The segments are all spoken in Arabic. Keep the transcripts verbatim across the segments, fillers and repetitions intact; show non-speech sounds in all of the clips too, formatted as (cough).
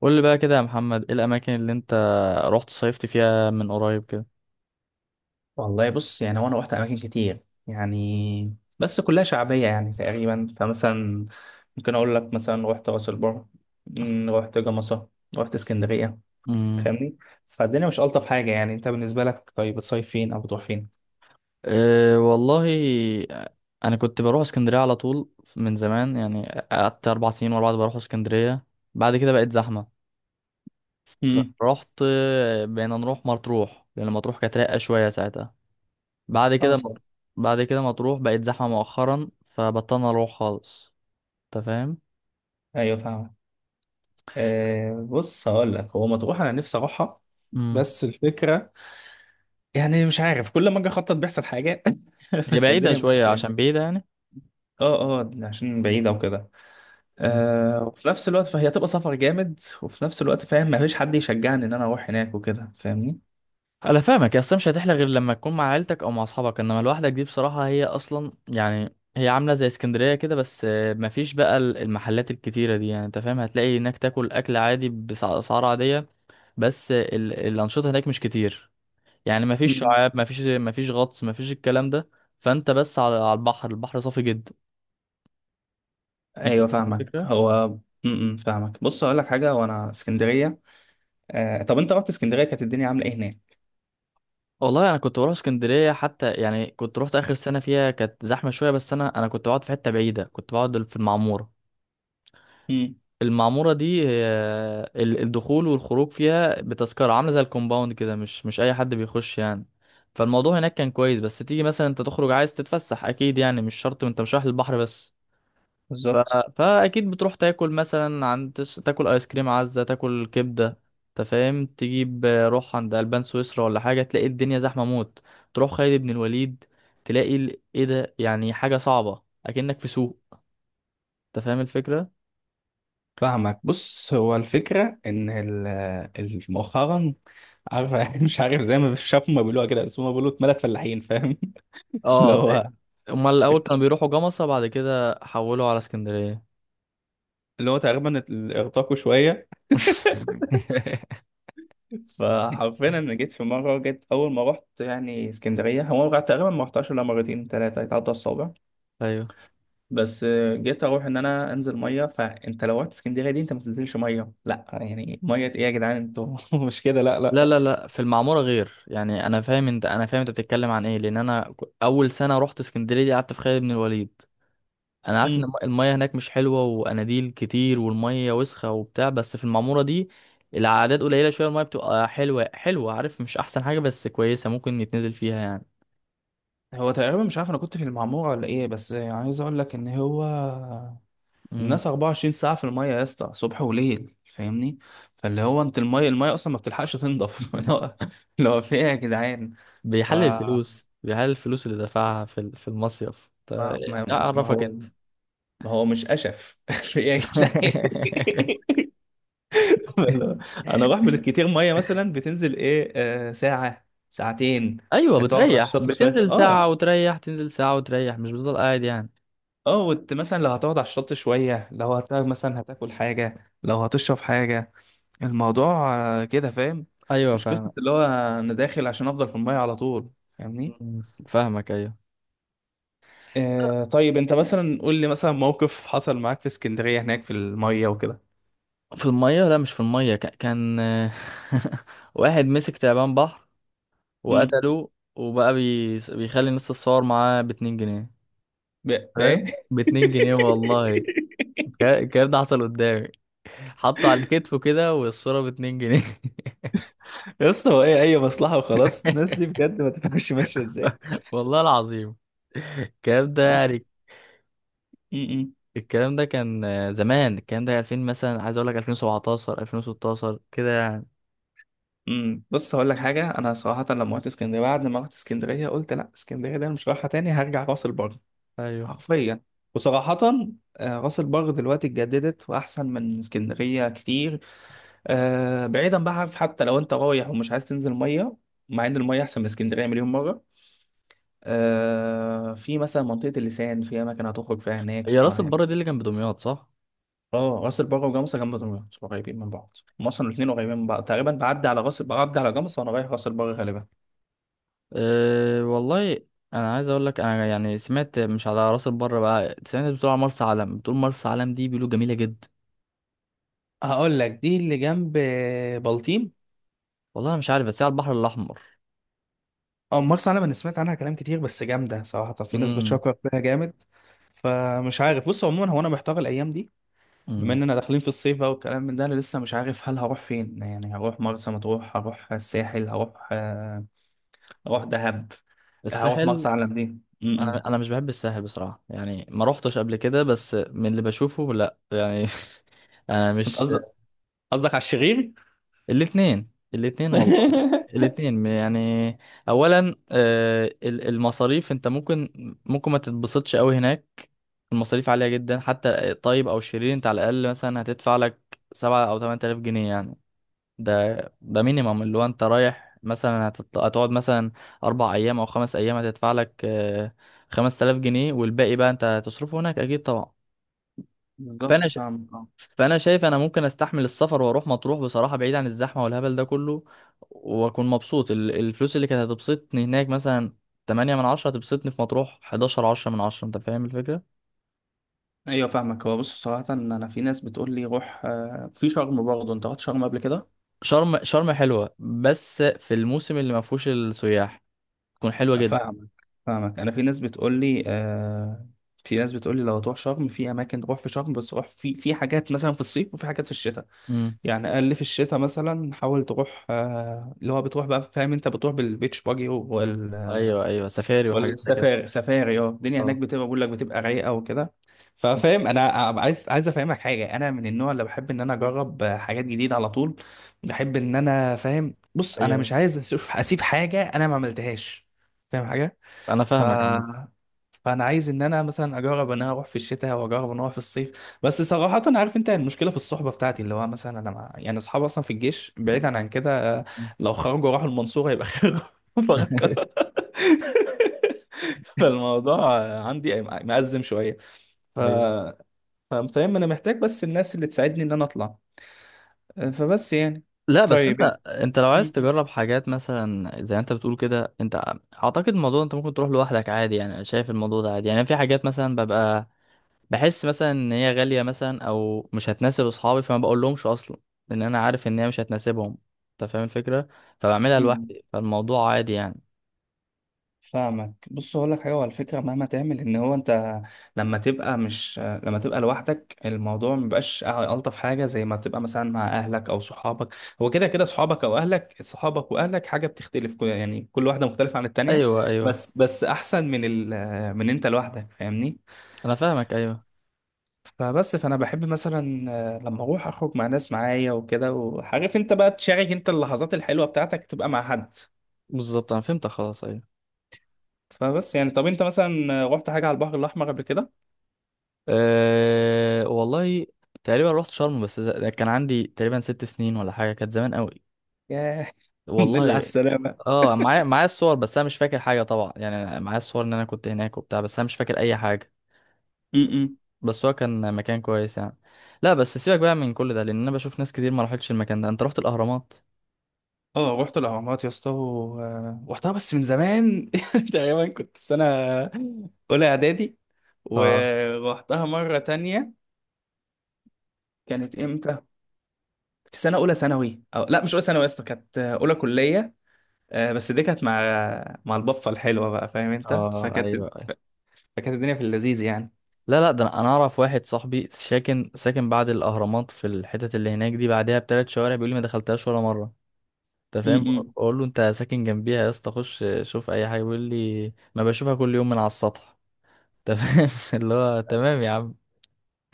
قول لي بقى كده يا محمد، ايه الاماكن اللي انت رحت صيفت فيها من قريب كده؟ والله بص، يعني هو انا رحت اماكن كتير يعني بس كلها شعبيه يعني تقريبا. فمثلا ممكن اقول لك، مثلا رحت راس البر، مم، رحت جمصه، رحت اسكندريه. امم فاهمني؟ فالدنيا مش الطف حاجه. يعني انت بالنسبه لك طيب، بتصيف فين او بتروح فين؟ أه والله، انا كنت بروح اسكندريه على طول من زمان يعني. قعدت اربع سنين ورا بعض بروح اسكندريه. بعد كده بقت زحمه. امم. رحت، آه، بقينا نروح مطروح لان مطروح كانت رايقه شويه ساعتها. بعد اه كده صح. بعد كده مطروح بقت زحمه مؤخرا فبطلنا اروح خالص. انت فاهم؟ ايوه فاهم. آه بص هقول لك، هو مطروح انا نفسي اروحها. امم بس الفكره، يعني مش عارف كل ما اجي اخطط بيحصل حاجه. (laughs) هي بس بعيده الدنيا مش... شويه، عشان بعيده يعني. اه اه عشان بعيده وكده. آه وفي نفس الوقت فهي تبقى سفر جامد، وفي نفس الوقت فاهم مفيش حد يشجعني ان انا اروح هناك وكده. فاهمني؟ انا فاهمك يا، اصلا مش هتحلى غير لما تكون مع عيلتك او مع اصحابك، انما لوحدك دي بصراحه هي اصلا، يعني هي عامله زي اسكندريه كده، بس آه، مفيش بقى ال- المحلات الكتيره دي، يعني انت فاهم هتلاقي هناك تاكل اكل عادي باسعار عاديه. بس آه، ال- الانشطه هناك مش كتير. يعني مفيش مم. شعاب، مفيش مفيش غطس، مفيش الكلام ده. فانت بس على على البحر، البحر صافي جدا. انت ايوه فاهم فاهمك الفكره؟ هو. امم فاهمك. بص اقول لك حاجه، وانا اسكندريه، آه طب انت رحت اسكندريه كانت الدنيا عامله ايه هناك؟ والله انا كنت بروح اسكندريه حتى، يعني كنت روحت اخر سنه فيها كانت زحمه شويه، بس انا انا كنت بقعد في حته بعيده. كنت بقعد في المعموره. مم. المعمورة دي هي ال- الدخول والخروج فيها بتذكرة، عاملة زي الكومباوند كده، مش مش أي حد بيخش يعني. فالموضوع هناك كان كويس، بس تيجي مثلا انت تخرج عايز تتفسح، اكيد يعني مش شرط انت مش رايح للبحر بس. ف... بالظبط فاكيد بتروح تاكل مثلا عند تس- تاكل ايس كريم عزة، تاكل كبدة. انت فاهم تجيب، آه، روح عند البان سويسرا ولا حاجة تلاقي الدنيا زحمة موت. تروح خالد بن الوليد، تلاقي ال- ايه ده؟ يعني حاجة صعبة اكنك في سوق. انت فاهم الفكرة؟ فاهمك. بص هو الفكرة إن ال- ال- مؤخرا عارف، (laughs) مش عارف زي ما شافوا ما بيقولوها كده، بس هما بيقولوا اتملت فلاحين فاهم. (laughs) اللي اه. هو امال الاول كانوا بيروحوا جمصة بعد كده حولوا على اسكندرية. اللي هو تقريبا ارتقوا شوية. (laughs) (laughs) فحرفيا انا جيت في مره جيت اول ما رحت يعني اسكندريه. هو أنا تقريبا ما رحتهاش الا مرتين ثلاثه يتعدى الصابع. ايوه. بس آه، جيت اروح ان انا انزل ميه. فانت لو رحت اسكندريه دي انت ما تنزلش ميه. لا يعني ميه ايه يا جدعان انتوا؟ (laughs) مش كده لا لا لا لا لا، في المعمورة غير، يعني انا فاهم انت، انا فاهم انت بتتكلم عن ايه، لان انا ك- اول سنة رحت اسكندرية دي قعدت في خالد بن الوليد. انا عارف ان مم. الم- المية هناك مش حلوة، واناديل كتير، والمية وسخة وبتاع، بس في المعمورة دي العادات قليلة شوية، المية بتبقى حلوة حلوة، عارف مش احسن حاجة بس كويسة ممكن يتنزل فيها يعني. هو تقريبا مش عارف انا كنت في المعموره ولا ايه، بس عايز اقول لك ان هو مم. الناس اربعه وعشرين ساعه في الميه يا اسطى صبح وليل. فاهمني؟ فاللي هو انت الميه الميه اصلا ما بتلحقش تنضف. (laughs) اللي (laughs) هو اللي هو في ايه يا جدعان؟ ف بيحلل ما الفلوس، بيحلل الفلوس اللي دفعها في ال- في المصيف ف-. ما ما اعرفك هو انت. ما هو مش أشف (laughs) يا جدعان. (laughs) أنا أروح بالكتير مية. مثلا بتنزل إيه؟ آه ساعة ساعتين. ايوه، آه، تقعد على بتريح، الشط شوية. بتنزل أه. ساعة وتريح، تنزل ساعة وتريح، مش بتفضل قاعد يعني. أه وت- مثلا لو هتقعد على الشط شوية، لو هت مثلا هتاكل حاجة، لو هتشرب حاجة. الموضوع آه، كده فاهم. ايوه مش فاهم. قصة اللي هو أنا داخل عشان أفضل في المية على طول. فاهمني؟ مم، فاهمك ايوه. آه طيب أنت مثلا قول لي مثلا موقف حصل معاك في اسكندرية هناك في المية وكده. في المية لا، مش في المية. ك- كان (laughs) واحد مسك تعبان بحر امم. وقتله، وبقى بي... بيخلي الناس تتصور معاه باتنين جنيه. بقى بقى فاهم؟ إيه؟ باتنين جنيه والله. (laughs) الك- الكلام ده حصل قدامي. حطه على كتفه كده والصورة باتنين جنيه. يا اسطى هو ايه اي مصلحه وخلاص؟ الناس دي (laughs) بجد ما تفهمش ماشيه ازاي. والله العظيم الكلام ده بص. يعني. امم. الكلام ده كان آه، زمان، الكلام ده ألفين مثلا، عايز اقول لك ألفين وسبعتاشر، ألفين وستة عشر كده يعني. امم. بص هقول لك حاجه، انا صراحه لما رحت اسكندريه، بعد ما رحت اسكندريه قلت لا، اسكندريه ده أنا مش رايحه تاني، هرجع راس البر. ايوه. حرفيا. وصراحه، آه، راس البر دلوقتي اتجددت واحسن من اسكندريه كتير. آه، بعيدا بقى عارف، حتى لو انت رايح ومش عايز تنزل ميه، مع ان الميه احسن من اسكندريه مليون مره. آه، في مثلا منطقه اللسان، في اماكن هتخرج فيها هناك. هي راس البر دي اللي كان بدمياط صح؟ اه راس البر وجمصة جنب دمياط، قريبين من بعض، هم اصلا الاثنين قريبين من بعض تقريبا. بعدي على راس، بعدي على جمصة، وانا رايح راس البر غالبا. أه والله، انا عايز اقول لك انا يعني سمعت، مش على راس البر بقى، سمعت بتقول على مرسى علم، بتقول مرسى علم دي بيقولوا جميله جدا. هقول لك دي اللي جنب بلطيم. والله أنا مش عارف بس هي على البحر الاحمر. او مرسى علم، انا سمعت عنها كلام كتير، بس جامده صراحه، في ناس امم. بتشكر فيها جامد. فمش عارف. بص عموما هو انا محتار الايام دي، بما امم. اننا داخلين في الصيف بقى والكلام من ده، انا لسه مش عارف هل هروح فين. يعني هروح مرسى مطروح، هروح الساحل، هروح آه، هروح دهب، هروح الساحل. مرسى علم دي م. -م. انا انا مش بحب الساحل بصراحه، يعني ما روحتش قبل كده بس من اللي بشوفه لا يعني. (laughs) انا انت مش. قصدك، قصدك على الشرير؟ الاثنين، الاثنين والله. (laughs) الاثنين يعني، اولا آه، ال- المصاريف انت ممكن، ممكن ما تتبسطش قوي هناك. المصاريف عالية جدا، حتى الطيب او الشرير انت على الاقل مثلا هتدفع لك سبعة او تمن تلاف جنيه يعني. ده ده مينيمم، اللي هو انت رايح مثلا هتط- هتقعد مثلا اربع ايام او خمس ايام هتدفع لك خمس تلاف جنيه، والباقي بقى انت هتصرفه هناك اكيد طبعا. فانا بالظبط فاهمك. اه فانا شايف انا ممكن استحمل السفر واروح مطروح بصراحه، بعيد عن الزحمه والهبل ده كله، واكون مبسوط. ال- الفلوس اللي كانت هتبسطني هناك مثلا تمنية من عشرة، هتبسطني في مطروح حداشر، عشرة من عشرة. انت فاهم الفكره؟ ايوه فاهمك. هو بص صراحة انا في ناس بتقول لي روح آه، في شرم برضه. انت رحت شرم قبل كده؟ شرم، شرم حلوه بس في الموسم اللي ما فيهوش السياح تكون حلوه جدا. فاهمك فاهمك انا في ناس بتقول لي آه، في ناس بتقول لي لو تروح شرم، في اماكن تروح في شرم، بس روح في في حاجات مثلا في الصيف وفي حاجات في الشتاء. امم. يعني اقل في الشتاء مثلا حاول تروح آه، اللي هو بتروح بقى فاهم، انت بتروح بالبيتش باجي ايوه ايوه سفاري وحاجات زي كده. والسفاري. سفاري اه، الدنيا هناك اه. بتبقى، بقول لك بتبقى رايقه وكده. مم. ففاهم انا. عايز عايز افهمك حاجه، انا من النوع اللي بحب ان انا اجرب حاجات جديده على طول. بحب ان انا فاهم، بص انا مش ايوه عايز اسيب أسيب حاجه انا ما عملتهاش. فاهم حاجه؟ انا ف فاهمك عامه. فانا عايز ان انا مثلا اجرب ان انا اروح في الشتاء، واجرب ان اروح في الصيف. بس صراحه انا عارف انت المشكله في الصحبه بتاعتي، اللي هو مثلا انا مع... يعني اصحابي اصلا في الجيش، بعيدا عن كده. آه، مم. لو خرجوا راحوا المنصوره يبقى (laughs) خير. بفكر. (laughs) (laughs) فالموضوع عندي مأزم شوية. ف... ايوه. ف- فاهم أنا محتاج بس الناس اللي تساعدني إن أنا أطلع. فبس يعني. لا بس انت، طيب. انت لو م- عايز تجرب حاجات مثلا زي ما انت بتقول كده، انت اعتقد الموضوع انت ممكن تروح لوحدك عادي يعني، انا شايف الموضوع ده عادي يعني. في حاجات مثلا ببقى بحس مثلا ان هي غالية مثلا او مش هتناسب اصحابي، فما بقول لهمش اصلا، لان انا عارف ان هي مش هتناسبهم. انت فاهم الفكرة؟ فبعملها م- لوحدي، فالموضوع عادي يعني. فاهمك. بص اقول لك حاجه على فكره، مهما تعمل ان هو انت، لما تبقى مش لما تبقى لوحدك، الموضوع مبقاش الطف حاجه زي ما بتبقى مثلا مع اهلك او صحابك. هو كده كده، صحابك او اهلك، صحابك واهلك حاجه بتختلف، كل- يعني كل واحده مختلفه عن التانيه. ايوه ايوه بس بس احسن من ال من انت لوحدك. فاهمني؟ انا فاهمك ايوه. فبس، فانا بحب مثلا آه، لما اروح اخرج مع ناس معايا وكده، وعارف انت بقى تشارك انت اللحظات الحلوه بتاعتك تبقى مع حد. بالظبط، انا فهمتك خلاص، ايوه. فبس يعني. طب انت مثلا آه، رحت حاجه على البحر الاحمر قبل أه والله، تقريبا رحت شرم، بس ز- كان عندي تقريبا ست سنين ولا حاجة، كانت زمان قوي. كده؟ الحمد لله على والله. السلامة. اه، معايا معايا الصور، بس انا مش فاكر حاجه طبعا يعني. أنا معايا الصور ان انا كنت هناك وبتاع، بس انا مش فاكر اي حاجه. م-م. بس هو كان مكان كويس يعني. لا بس سيبك بقى من كل ده، لان انا بشوف ناس كتير ما راحتش المكان ده. انت رحت الاهرامات؟ اه رحت الأهرامات يا اسطى و- آه، رحتها بس من زمان. (laughs) تقريبا كنت في سنة أولى إعدادي، اه. ورحتها مرة تانية. كانت إمتى؟ في سنة أولى ثانوي، أو لا مش أولى ثانوي يا اسطى، كانت آه، أولى كلية. آه، بس دي كانت مع مع البفة الحلوة بقى، فاهم أنت؟ اه. فكانت ايوه أيوة. فكانت الدنيا في اللذيذ يعني. لا لا، ده انا، أنا اعرف واحد صاحبي ساكن ساكن بعد الاهرامات في الحتت اللي هناك دي، بعدها بثلاث شوارع، بيقول لي ما دخلتهاش ولا مره. انت فاهم، م-م. بقول له انت ساكن جنبيها يا اسطى، خش شوف اي حاجه، بيقول لي ما بشوفها كل يوم من على السطح. انت فاهم؟ (laughs) اللي هو تمام يا عم.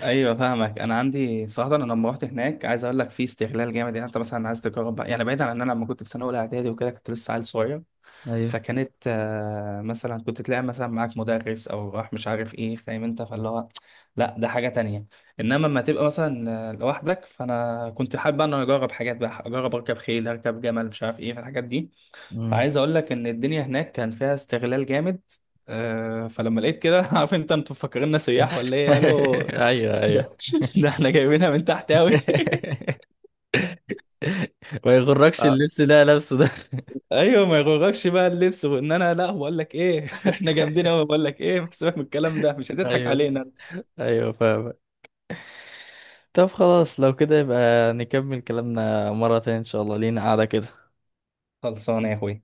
ايوه فاهمك. انا عندي صراحه، انا لما رحت هناك عايز اقول لك في استغلال جامد. يعني انت مثلا عايز تجرب بقى، يعني بعيدا عن ان انا لما كنت في سنه اولى اعدادي وكده كنت لسه عيل صغير. ايوه. فكانت آه، مثلا كنت تلاقي مثلا معاك مدرس او راح مش عارف ايه، فاهم انت؟ فاللي هو لا، ده حاجه تانية. انما لما تبقى مثلا آه، لوحدك، فانا كنت حابب ان انا اجرب حاجات بقى، اجرب اركب خيل، اركب جمل، مش عارف ايه، فالحاجات دي. مم. فعايز اقول لك ان الدنيا هناك كان فيها استغلال جامد. آه، فلما لقيت كده (laughs) عارف انت، انتوا مفكريننا سياح ولا ايه؟ قالوا (laughs) (laughs) ايوه. ده ايوه. ده احنا جايبينها من تحت قوي. (laughs) ما يغركش (laughs) اللبس ده لابسه ده. ايوه ما يغركش بقى اللبس، وان انا لا بقول لك ايه (laughs) احنا جامدين قوي، بقول لك ايه سيبك من الكلام (laughs) ده، مش هتضحك ايوه، علينا انت. ايوه فاهم. طب خلاص لو كده يبقى نكمل كلامنا مرة تانية ان شاء الله، لينا قاعدة كده. خلصانه يا اخوي.